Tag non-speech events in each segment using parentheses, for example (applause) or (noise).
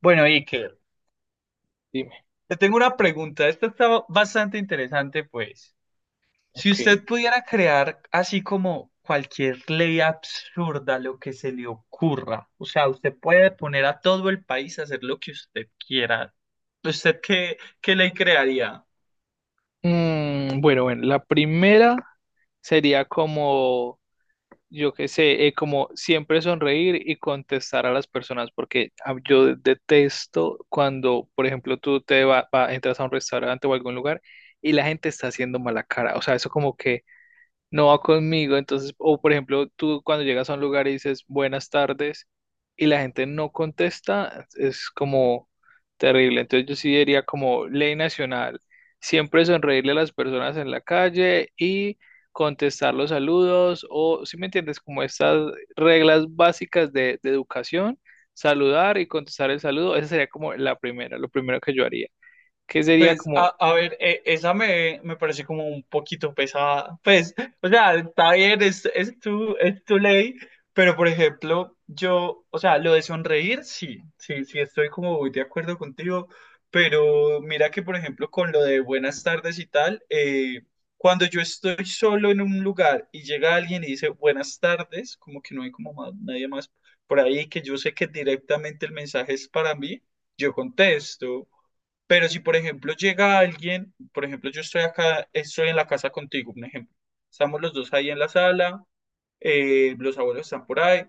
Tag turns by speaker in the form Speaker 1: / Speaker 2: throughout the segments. Speaker 1: Bueno, Iker,
Speaker 2: Dime,
Speaker 1: te tengo una pregunta. Esta está bastante interesante, pues. Si
Speaker 2: ok.
Speaker 1: usted pudiera crear así como cualquier ley absurda, lo que se le ocurra, o sea, usted puede poner a todo el país a hacer lo que usted quiera. ¿Usted qué ley crearía?
Speaker 2: Bueno, la primera sería como, yo qué sé, como siempre sonreír y contestar a las personas, porque yo detesto cuando, por ejemplo, tú te entras a un restaurante o algún lugar y la gente está haciendo mala cara. O sea, eso como que no va conmigo. Entonces, o por ejemplo, tú cuando llegas a un lugar y dices buenas tardes y la gente no contesta, es como terrible. Entonces yo sí diría como ley nacional, siempre sonreírle a las personas en la calle y contestar los saludos o, si me entiendes, como estas reglas básicas de educación, saludar y contestar el saludo, esa sería como la primera, lo primero que yo haría. ¿Qué sería
Speaker 1: Pues,
Speaker 2: como
Speaker 1: a ver, esa me parece como un poquito pesada. Pues, o sea, está bien, es tu ley, pero por ejemplo, yo, o sea, lo de sonreír, sí, sí, sí, estoy como muy de acuerdo contigo, pero mira que, por ejemplo, con lo de buenas tardes y tal, cuando yo estoy solo en un lugar y llega alguien y dice buenas tardes, como que no hay como nadie más por ahí, que yo sé que directamente el mensaje es para mí, yo contesto. Pero si, por ejemplo, llega alguien, por ejemplo, yo estoy acá, estoy en la casa contigo, un ejemplo. Estamos los dos ahí en la sala, los abuelos están por ahí,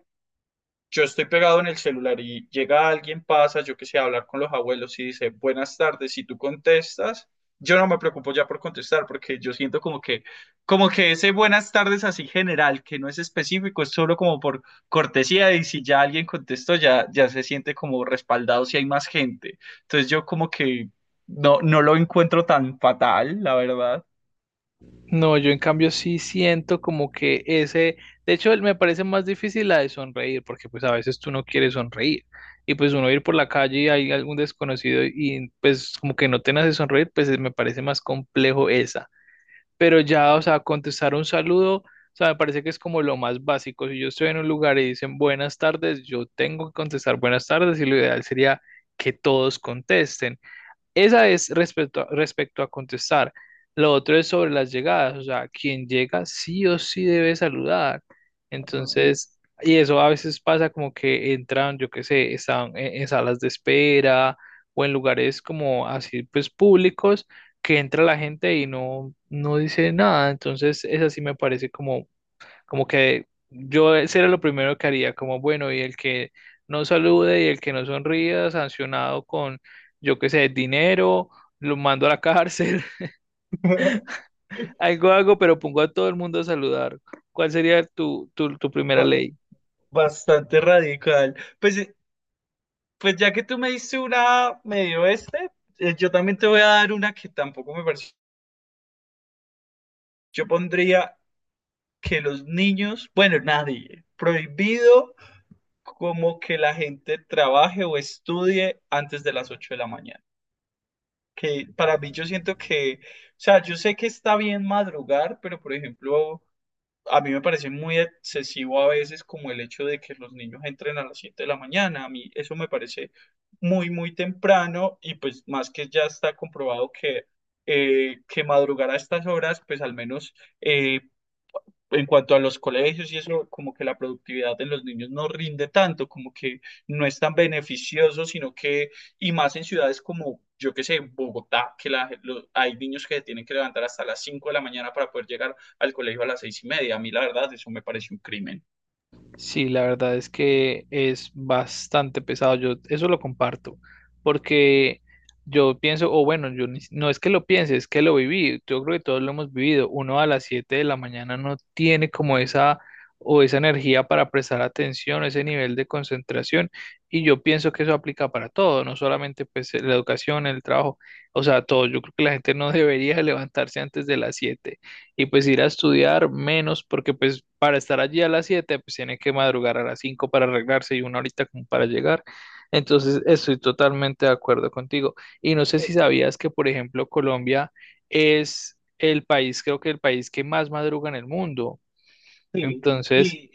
Speaker 1: yo estoy pegado en el celular y llega alguien, pasa, yo que sé, a hablar con los abuelos y dice, buenas tardes, si tú contestas, yo no me preocupo ya por contestar porque yo siento como que ese buenas tardes así general, que no es específico, es solo como por cortesía y si ya alguien contestó, ya, ya se siente como respaldado si hay más gente. Entonces yo como que no, no lo encuentro tan fatal, la verdad.
Speaker 2: No, yo en cambio sí siento como que ese, de hecho él me parece más difícil la de sonreír, porque pues a veces tú no quieres sonreír y pues uno ir por la calle y hay algún desconocido y pues como que no te nace sonreír, pues me parece más complejo esa. Pero ya, o sea, contestar un saludo, o sea, me parece que es como lo más básico. Si yo estoy en un lugar y dicen buenas tardes, yo tengo que contestar buenas tardes y lo ideal sería que todos contesten. Esa es respecto a contestar. Lo otro es sobre las llegadas, o sea, quien llega sí o sí debe saludar.
Speaker 1: Ajá.
Speaker 2: Entonces, y eso a veces pasa como que entran, yo qué sé, están en salas de espera o en lugares como así, pues públicos, que entra la gente y no dice nada. Entonces, esa sí me parece como como que yo ese era lo primero que haría, como bueno, y el que no salude y el que no sonría, sancionado con, yo qué sé, dinero, lo mando a la cárcel,
Speaker 1: (laughs)
Speaker 2: (laughs) algo hago, pero pongo a todo el mundo a saludar. ¿Cuál sería tu primera
Speaker 1: Ba-
Speaker 2: ley?
Speaker 1: Bastante radical. Pues ya que tú me diste una medio este, yo también te voy a dar una que tampoco me parece. Yo pondría que los niños, bueno, nadie, prohibido como que la gente trabaje o estudie antes de las 8 de la mañana. Que para mí yo siento que, o sea, yo sé que está bien madrugar, pero por ejemplo, a mí me parece muy excesivo a veces como el hecho de que los niños entren a las 7 de la mañana. A mí eso me parece muy, muy temprano y pues más que ya está comprobado que madrugar a estas horas, pues al menos eh, en cuanto a los colegios y eso, como que la productividad de los niños no rinde tanto, como que no es tan beneficioso, sino que, y más en ciudades como, yo qué sé, Bogotá, que hay niños que se tienen que levantar hasta las 5 de la mañana para poder llegar al colegio a las 6:30. A mí, la verdad, eso me parece un crimen.
Speaker 2: Sí, la verdad es que es bastante pesado. Yo eso lo comparto, porque yo pienso, o bueno, yo ni si- no es que lo piense, es que lo viví. Yo creo que todos lo hemos vivido. Uno a las 7 de la mañana no tiene como esa o esa energía para prestar atención, ese nivel de concentración. Y yo pienso que eso aplica para todo, no solamente pues la educación, el trabajo, o sea, todo. Yo creo que la gente no (laughs) debería levantarse antes de las 7 y pues ir a estudiar menos, porque pues para estar allí a las 7 pues tiene que madrugar a las 5 para arreglarse y una horita como para llegar. Entonces, estoy totalmente de acuerdo contigo. Y no sé si
Speaker 1: Eh, eh,
Speaker 2: sabías que, por ejemplo, Colombia es el país, creo que el país que más madruga en el mundo.
Speaker 1: sí,
Speaker 2: Entonces,
Speaker 1: y,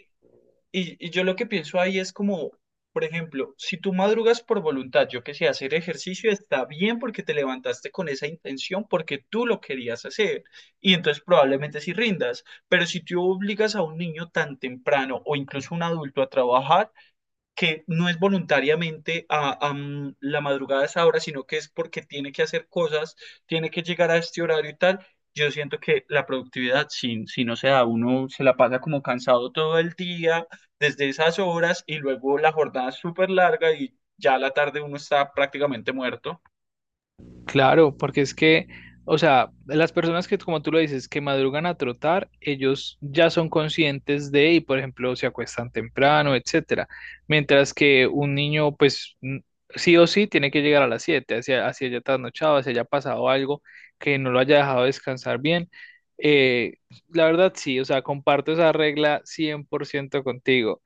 Speaker 1: Y, y yo lo que pienso ahí es como, por ejemplo, si tú madrugas por voluntad, yo que sé, hacer ejercicio está bien porque te levantaste con esa intención, porque tú lo querías hacer, y entonces probablemente sí rindas, pero si tú obligas a un niño tan temprano o incluso un adulto a trabajar, que no es voluntariamente a la madrugada a esa hora, sino que es porque tiene que hacer cosas, tiene que llegar a este horario y tal. Yo siento que la productividad, si, si no se da, uno se la pasa como cansado todo el día, desde esas horas, y luego la jornada es súper larga y ya a la tarde uno está prácticamente muerto. (laughs)
Speaker 2: claro, porque es que, o sea, las personas que, como tú lo dices, que madrugan a trotar, ellos ya son conscientes de, y por ejemplo, se acuestan temprano, etcétera. Mientras que un niño, pues, n- sí o sí tiene que llegar a las 7, hacia, hacia haya trasnochado, hacia haya pasado algo que no lo haya dejado descansar bien. Eh, la verdad, sí, o sea, comparto esa regla 100% contigo.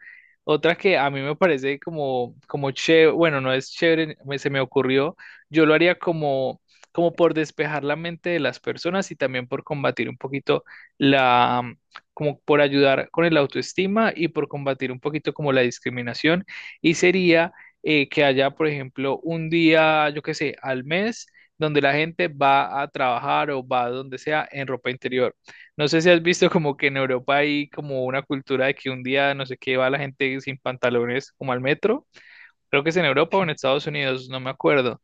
Speaker 2: Otra que a mí me parece como, como chévere, bueno, no es chévere, me- se me ocurrió yo lo haría como, como por despejar la mente de las personas y también por combatir un poquito la, como por ayudar con el autoestima y por combatir un poquito como la discriminación. Y sería que haya, por ejemplo, un día, yo qué sé, al mes, donde la gente va a trabajar o va a donde sea en ropa interior. No sé si has visto como que en Europa hay como una cultura de que un día, no sé qué, va la gente sin pantalones como al metro. Creo que es en Europa o en Estados Unidos, no me acuerdo.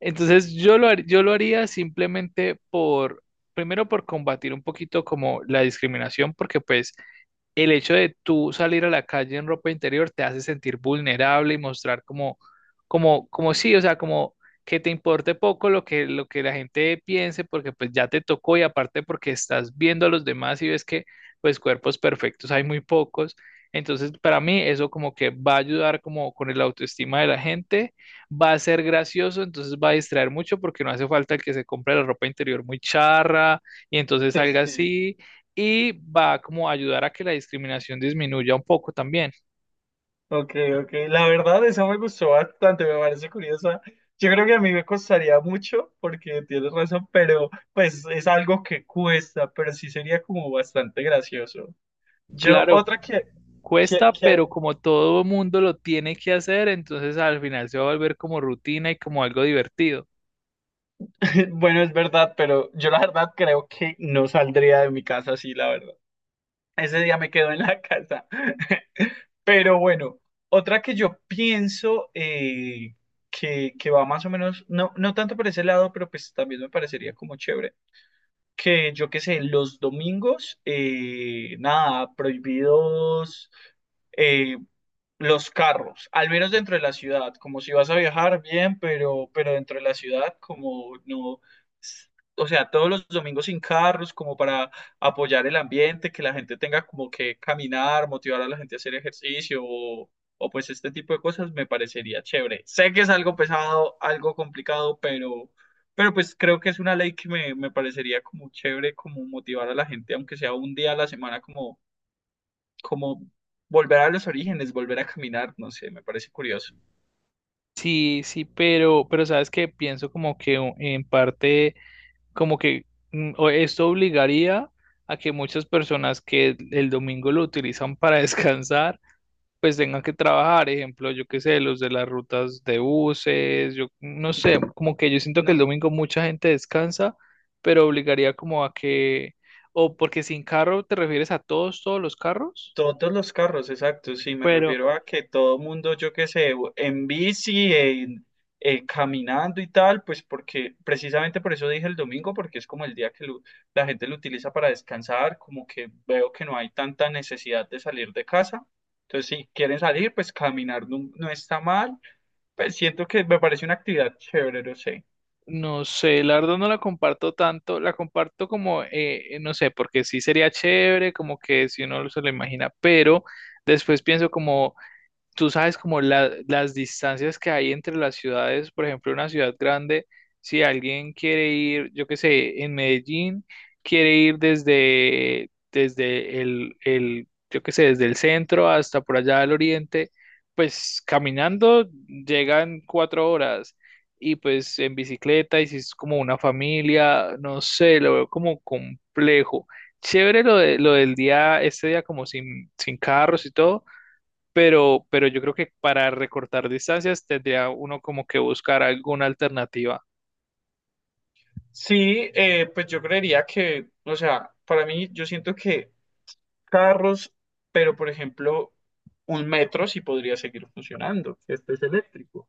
Speaker 2: Entonces yo lo, har- yo lo haría simplemente por, primero por combatir un poquito como la discriminación, porque pues el hecho de tú salir a la calle en ropa interior te hace sentir vulnerable y mostrar como, como, como sí, o sea, como que te importe poco lo que la gente piense, porque pues ya te tocó y aparte porque estás viendo a los demás y ves que pues cuerpos perfectos hay muy pocos. Entonces, para mí eso como que va a ayudar como con el autoestima de la gente, va a ser gracioso, entonces va a distraer mucho porque no hace falta que se compre la ropa interior muy charra y entonces
Speaker 1: Sí,
Speaker 2: salga
Speaker 1: sí.
Speaker 2: así y va como a ayudar a que la discriminación disminuya un poco también.
Speaker 1: Ok, ok. La verdad, esa me gustó bastante, me parece curiosa. Yo creo que a mí me costaría mucho, porque tienes razón, pero pues es algo que cuesta, pero sí sería como bastante gracioso. Yo,
Speaker 2: Claro,
Speaker 1: otra que, que,
Speaker 2: cuesta,
Speaker 1: que,
Speaker 2: pero como todo mundo lo tiene que hacer, entonces al final se va a volver como rutina y como algo divertido.
Speaker 1: (laughs) bueno, es verdad, pero yo la verdad creo que no saldría de mi casa así, la verdad. Ese día me quedo en la (laughs) casa. Pero bueno, otra que yo pienso que va más o menos, no, no tanto por ese lado, pero pues también me parecería como chévere que yo qué sé, los domingos, nada, prohibidos. eh, los carros, al menos dentro de la ciudad, como si vas a viajar, bien, pero dentro de la ciudad, como no, s- o sea, todos los domingos sin carros, como para apoyar el ambiente, que la gente tenga como que caminar, motivar a la gente a hacer ejercicio o pues este tipo de cosas, me parecería chévere. Sé que es algo pesado, algo complicado, pero pues creo que es una ley que me parecería como chévere, como motivar a la gente, aunque sea un día a la semana, como como volver a los orígenes, volver a caminar, no sé, me parece curioso.
Speaker 2: Sí, sí, pero sabes que pienso como que u- en parte, como que o esto obligaría a que muchas personas que el domingo lo utilizan para (laughs) descansar, pues tengan que trabajar, ejemplo, yo qué sé, los de las rutas de buses, yo no sé, como que yo siento que el
Speaker 1: No,
Speaker 2: domingo mucha gente descansa, pero obligaría como a que, o porque sin carro te refieres a todos, todos los carros,
Speaker 1: todos los carros, exacto, sí, me
Speaker 2: pero
Speaker 1: refiero a que todo mundo, yo qué sé, en bici, caminando y tal, pues porque precisamente por eso dije el domingo, porque es como el día que la gente lo utiliza para descansar, como que veo que no hay tanta necesidad de salir de casa. Entonces, si quieren salir, pues caminar no, no está mal. Pues siento que me parece una actividad chévere, no sé.
Speaker 2: no sé, la verdad no la comparto tanto, la comparto como, no sé, porque sí sería chévere, como que si uno se lo imagina, pero después pienso como tú sabes como la- las distancias que hay entre las ciudades, por ejemplo, una ciudad grande, si alguien quiere ir, yo qué sé, en Medellín, quiere ir desde, yo qué sé, desde el centro hasta por allá al oriente, pues caminando llegan 4 horas. Y pues en bicicleta, y si es como una familia, no sé, lo veo como complejo. Chévere lo de, lo del día, este día como sin carros y todo, pero yo creo que para recortar distancias tendría uno como que buscar alguna alternativa.
Speaker 1: Sí, pues yo creería que, o sea, para mí yo siento que carros, pero por ejemplo, un metro sí podría seguir funcionando, que este es eléctrico.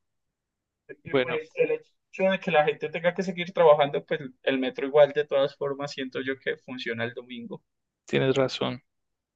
Speaker 1: Y
Speaker 2: Bueno,
Speaker 1: pues el hecho de que la gente tenga que seguir trabajando, pues el metro igual de todas formas siento yo que funciona el domingo.
Speaker 2: tienes razón.